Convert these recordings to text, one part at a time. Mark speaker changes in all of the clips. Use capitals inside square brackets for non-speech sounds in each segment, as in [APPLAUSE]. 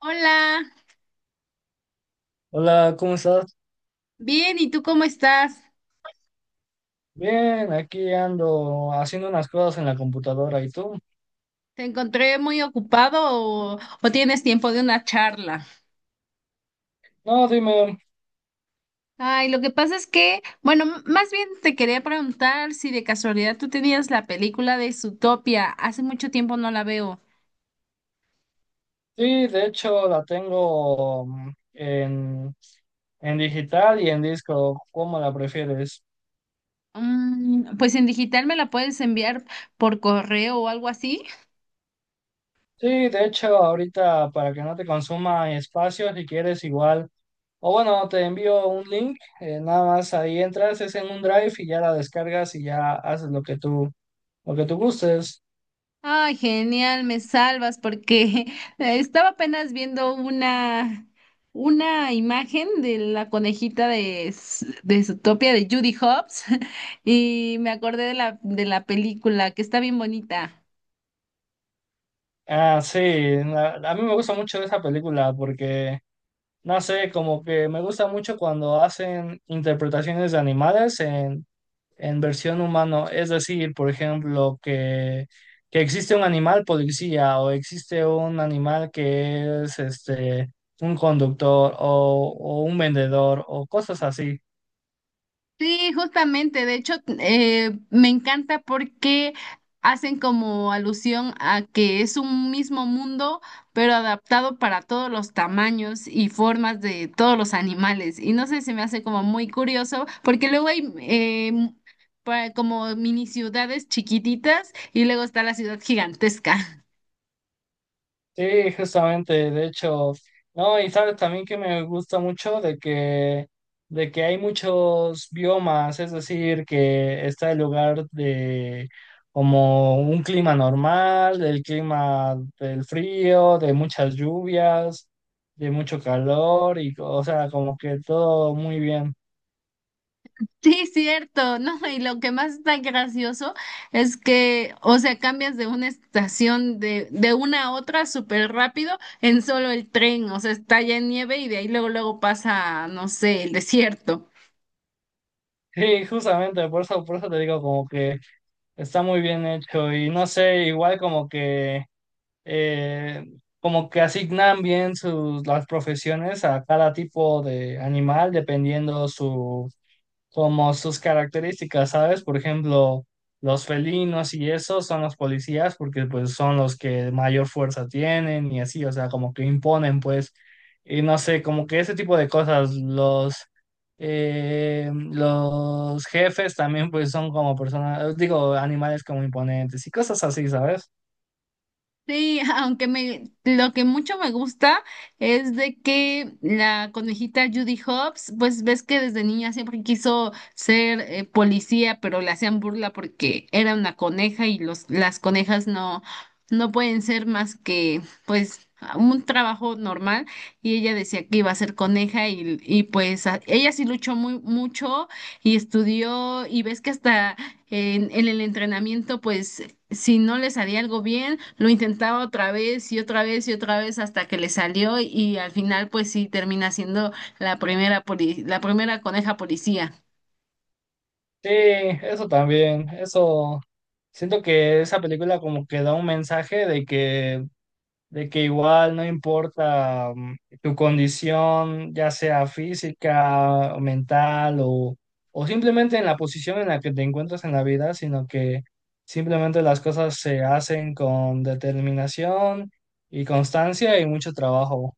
Speaker 1: Hola,
Speaker 2: Hola, ¿cómo estás?
Speaker 1: bien, ¿y tú cómo estás?
Speaker 2: Bien, aquí ando haciendo unas cosas en la computadora. ¿Y tú?
Speaker 1: ¿Te encontré muy ocupado o tienes tiempo de una charla?
Speaker 2: No, dime.
Speaker 1: Ay, lo que pasa es que, bueno, más bien te quería preguntar si de casualidad tú tenías la película de Zootopia. Hace mucho tiempo no la veo.
Speaker 2: Sí, de hecho la tengo en digital y en disco. ¿Cómo la prefieres?
Speaker 1: Pues en digital me la puedes enviar por correo o algo así.
Speaker 2: Sí, de hecho ahorita para que no te consuma espacio, si quieres igual. O bueno, te envío un link. Nada más ahí entras, es en un drive y ya la descargas y ya haces lo que tú gustes.
Speaker 1: Ay, genial, me salvas porque [LAUGHS] estaba apenas viendo una imagen de la conejita de Zootopia de Judy Hobbs [LAUGHS] y me acordé de de la película que está bien bonita.
Speaker 2: Ah, sí, a mí me gusta mucho esa película porque... No sé, como que me gusta mucho cuando hacen interpretaciones de animales en versión humano. Es decir, por ejemplo, que existe un animal policía o existe un animal que es este un conductor o un vendedor o cosas así.
Speaker 1: Sí, justamente, de hecho, me encanta porque hacen como alusión a que es un mismo mundo, pero adaptado para todos los tamaños y formas de todos los animales. Y no sé, se me hace como muy curioso, porque luego hay como mini ciudades chiquititas y luego está la ciudad gigantesca.
Speaker 2: Sí, justamente, de hecho, no, y sabes también que me gusta mucho de que hay muchos biomas, es decir, que está el lugar de como un clima normal, del clima del frío, de muchas lluvias, de mucho calor, y o sea, como que todo muy bien. [LAUGHS]
Speaker 1: Sí, cierto, ¿no? Y lo que más está gracioso es que, o sea, cambias de una estación de una a otra súper rápido en solo el tren, o sea, está ya en nieve y de ahí luego, luego pasa, no sé, el desierto.
Speaker 2: Sí, justamente, por eso te digo como que está muy bien hecho, y no sé, igual eh, como que asignan bien las profesiones a cada tipo de animal dependiendo su, como sus características, ¿sabes? Por ejemplo, los felinos y eso son los policías porque pues son los que mayor fuerza tienen y así, o sea, como que imponen pues, y no sé, como que ese tipo de cosas, los jefes también pues son como personas, digo, animales como imponentes y cosas así, ¿sabes?
Speaker 1: Sí, [LAUGHS] aunque me lo que mucho me gusta es de que la conejita Judy Hopps, pues ves que desde niña siempre quiso ser policía, pero le hacían burla porque era una coneja y los las conejas no pueden ser más que pues un trabajo normal y ella decía que iba a ser coneja y pues ella sí luchó muy mucho y estudió y ves que hasta en el entrenamiento pues si no le salía algo bien, lo intentaba otra vez y otra vez y otra vez hasta que le salió y al final pues sí termina siendo la la primera coneja policía.
Speaker 2: Sí, eso también, eso siento que esa película como que da un mensaje de que igual no importa tu condición, ya sea física, o mental, o simplemente en la posición en la que te encuentras en la vida, sino que simplemente las cosas se hacen con determinación y constancia y mucho trabajo.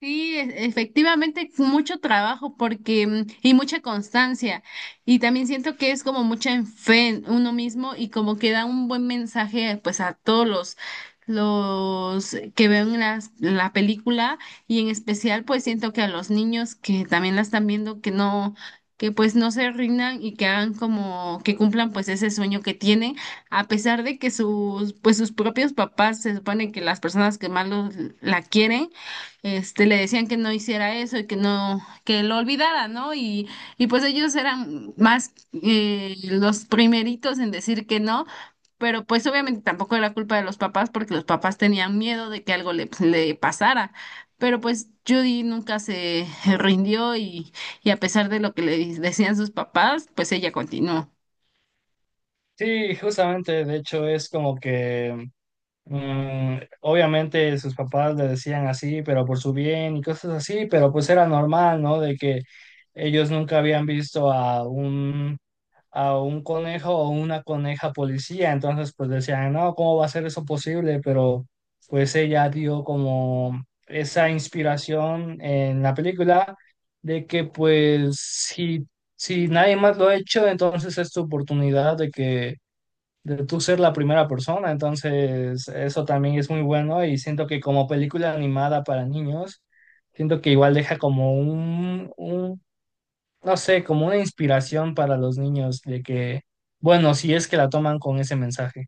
Speaker 1: Sí, efectivamente, fue mucho trabajo porque y mucha constancia. Y también siento que es como mucha en fe en uno mismo y como que da un buen mensaje pues a todos los que ven la película y en especial pues siento que a los niños que también la están viendo que pues no se rindan y que hagan como que cumplan pues ese sueño que tienen a pesar de que sus propios papás, se supone que las personas que más la quieren este, le decían que no hiciera eso y que no, que lo olvidara, ¿no? Y pues ellos eran más los primeritos en decir que no, pero pues obviamente tampoco era culpa de los papás porque los papás tenían miedo de que algo le pasara. Pero pues Judy nunca se rindió y a pesar de lo que le decían sus papás, pues ella continuó.
Speaker 2: Sí, justamente, de hecho es como que mm, obviamente sus papás le decían así, pero por su bien y cosas así, pero pues era normal, ¿no? De que ellos nunca habían visto a a un conejo o una coneja policía, entonces pues decían, no, ¿cómo va a ser eso posible? Pero pues ella dio como esa inspiración en la película de que pues si nadie más lo ha hecho, entonces es tu oportunidad de que de tú ser la primera persona, entonces eso también es muy bueno y siento que como película animada para niños, siento que igual deja como un, no sé, como una inspiración para los niños de que, bueno, si es que la toman con ese mensaje.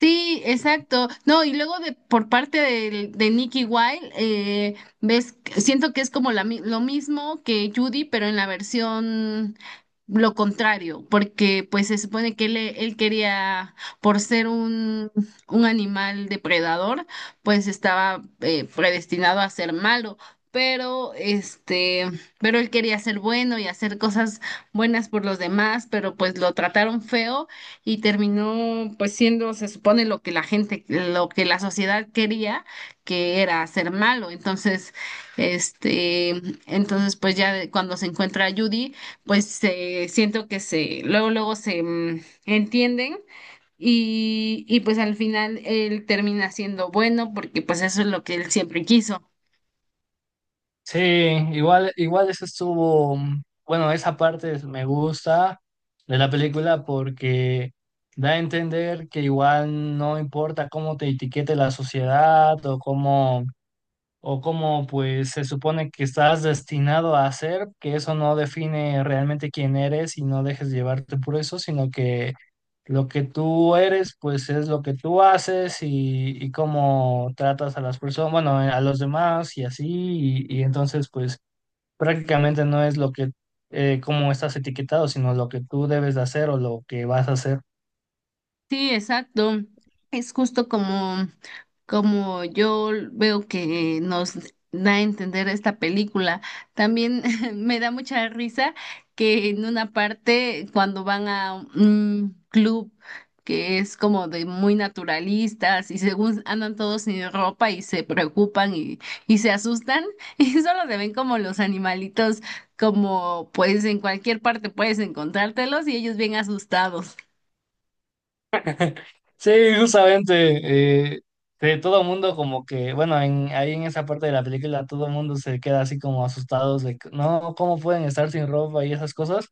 Speaker 1: Sí, exacto. No, y luego de por parte Nicky Wilde, ves, siento que es como lo mismo que Judy, pero en la versión lo contrario, porque pues se supone que él quería, por ser un animal depredador, pues estaba predestinado a ser malo. Pero este, pero él quería ser bueno y hacer cosas buenas por los demás, pero pues lo trataron feo y terminó pues siendo, se supone, lo que la gente, lo que la sociedad quería, que era ser malo. Entonces, este, entonces pues ya cuando se encuentra a Judy, pues se siento que se, luego, luego se entienden. Y pues al final él termina siendo bueno porque pues eso es lo que él siempre quiso.
Speaker 2: Sí, igual, igual eso estuvo, mm, bueno, esa parte me gusta de la película porque da a entender que igual no importa cómo te etiquete la sociedad o cómo pues se supone que estás destinado a hacer, que eso no define realmente quién eres y no dejes llevarte por eso, sino que lo que tú eres pues es lo que tú haces y cómo tratas a las personas, bueno, a los demás y así, y entonces pues prácticamente no es lo que, cómo estás etiquetado, sino lo que tú debes de hacer o lo que vas a hacer.
Speaker 1: Sí, exacto. Es justo como, como yo veo que nos da a entender esta película. También [LAUGHS] me da mucha risa que en una parte, cuando van a un club que es como de muy naturalistas y según andan todos sin ropa y se preocupan y se asustan [LAUGHS] y solo se ven como los animalitos, como pues en cualquier parte puedes encontrártelos y ellos bien asustados.
Speaker 2: Sí, justamente, que todo el mundo como que, bueno, ahí en esa parte de la película todo el mundo se queda así como asustados de, que, no, ¿cómo pueden estar sin ropa y esas cosas?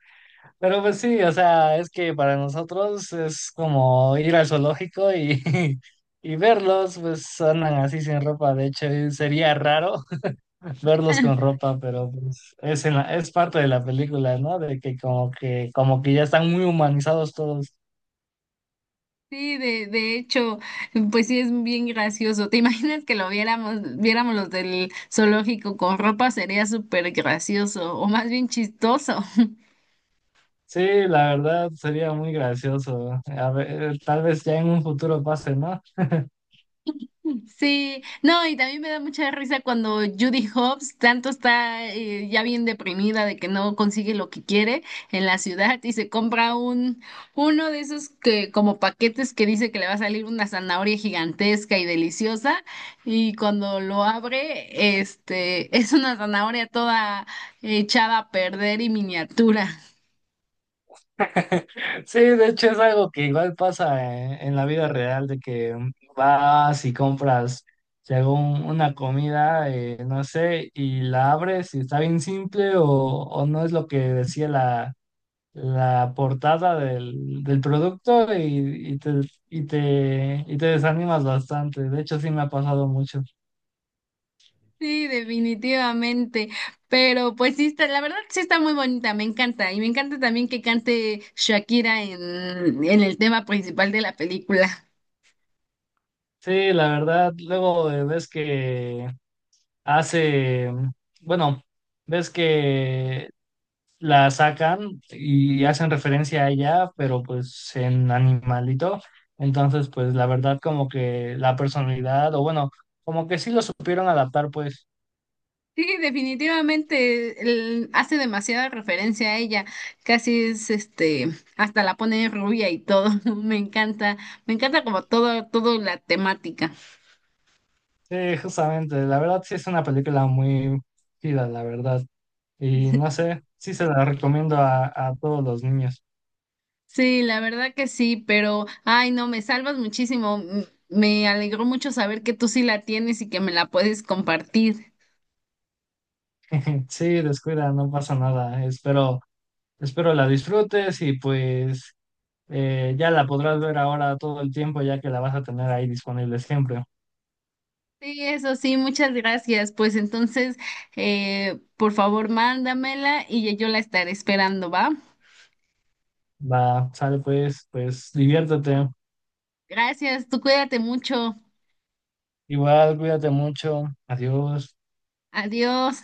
Speaker 2: Pero pues sí, o sea, es que para nosotros es como ir al zoológico y, [LAUGHS] y verlos, pues andan así sin ropa, de hecho y sería raro [LAUGHS] verlos con
Speaker 1: [LAUGHS]
Speaker 2: ropa, pero pues es, es parte de la película, ¿no? De que como que, como que ya están muy humanizados todos.
Speaker 1: Sí, de hecho, pues sí es bien gracioso. ¿Te imaginas que lo viéramos, viéramos los del zoológico con ropa? Sería súper gracioso, o más bien chistoso.
Speaker 2: Sí, la verdad sería muy gracioso. A ver, tal vez ya en un futuro pase, ¿no? [LAUGHS]
Speaker 1: Sí, no, y también me da mucha risa cuando Judy Hobbs tanto está ya bien deprimida de que no consigue lo que quiere en la ciudad y se compra un uno de esos que como paquetes que dice que le va a salir una zanahoria gigantesca y deliciosa y cuando lo abre, este, es una zanahoria toda echada a perder y miniatura.
Speaker 2: Sí, de hecho es algo que igual pasa en la vida real, de que vas y compras, si hago una comida, no sé, y la abres y está bien simple o no es lo que decía la portada del producto y, y te desanimas bastante. De hecho, sí me ha pasado mucho.
Speaker 1: Sí, definitivamente. Pero pues sí está, la verdad sí está muy bonita, me encanta. Y me encanta también que cante Shakira en el tema principal de la película.
Speaker 2: Sí, la verdad, luego ves que hace, bueno, ves que la sacan y hacen referencia a ella, pero pues en animalito. Entonces, pues la verdad como que la personalidad, o bueno, como que sí lo supieron adaptar, pues,
Speaker 1: Sí, definitivamente hace demasiada referencia a ella. Casi es este, hasta la pone rubia y todo. [LAUGHS] Me encanta, me encanta como todo, todo la temática.
Speaker 2: sí, justamente, la verdad sí es una película muy chida, la verdad. Y no sé, sí se la recomiendo a todos los niños.
Speaker 1: Sí, la verdad que sí, pero ay no, me salvas muchísimo. Me alegró mucho saber que tú sí la tienes y que me la puedes compartir.
Speaker 2: [LAUGHS] Sí, descuida, no pasa nada. Espero, espero la disfrutes y pues... ya la podrás ver ahora todo el tiempo, ya que la vas a tener ahí disponible siempre.
Speaker 1: Sí, eso sí, muchas gracias. Pues entonces, por favor, mándamela y yo la estaré esperando, ¿va?
Speaker 2: Va, sale pues, pues diviértete.
Speaker 1: Gracias, tú cuídate mucho.
Speaker 2: Igual, cuídate mucho. Adiós.
Speaker 1: Adiós.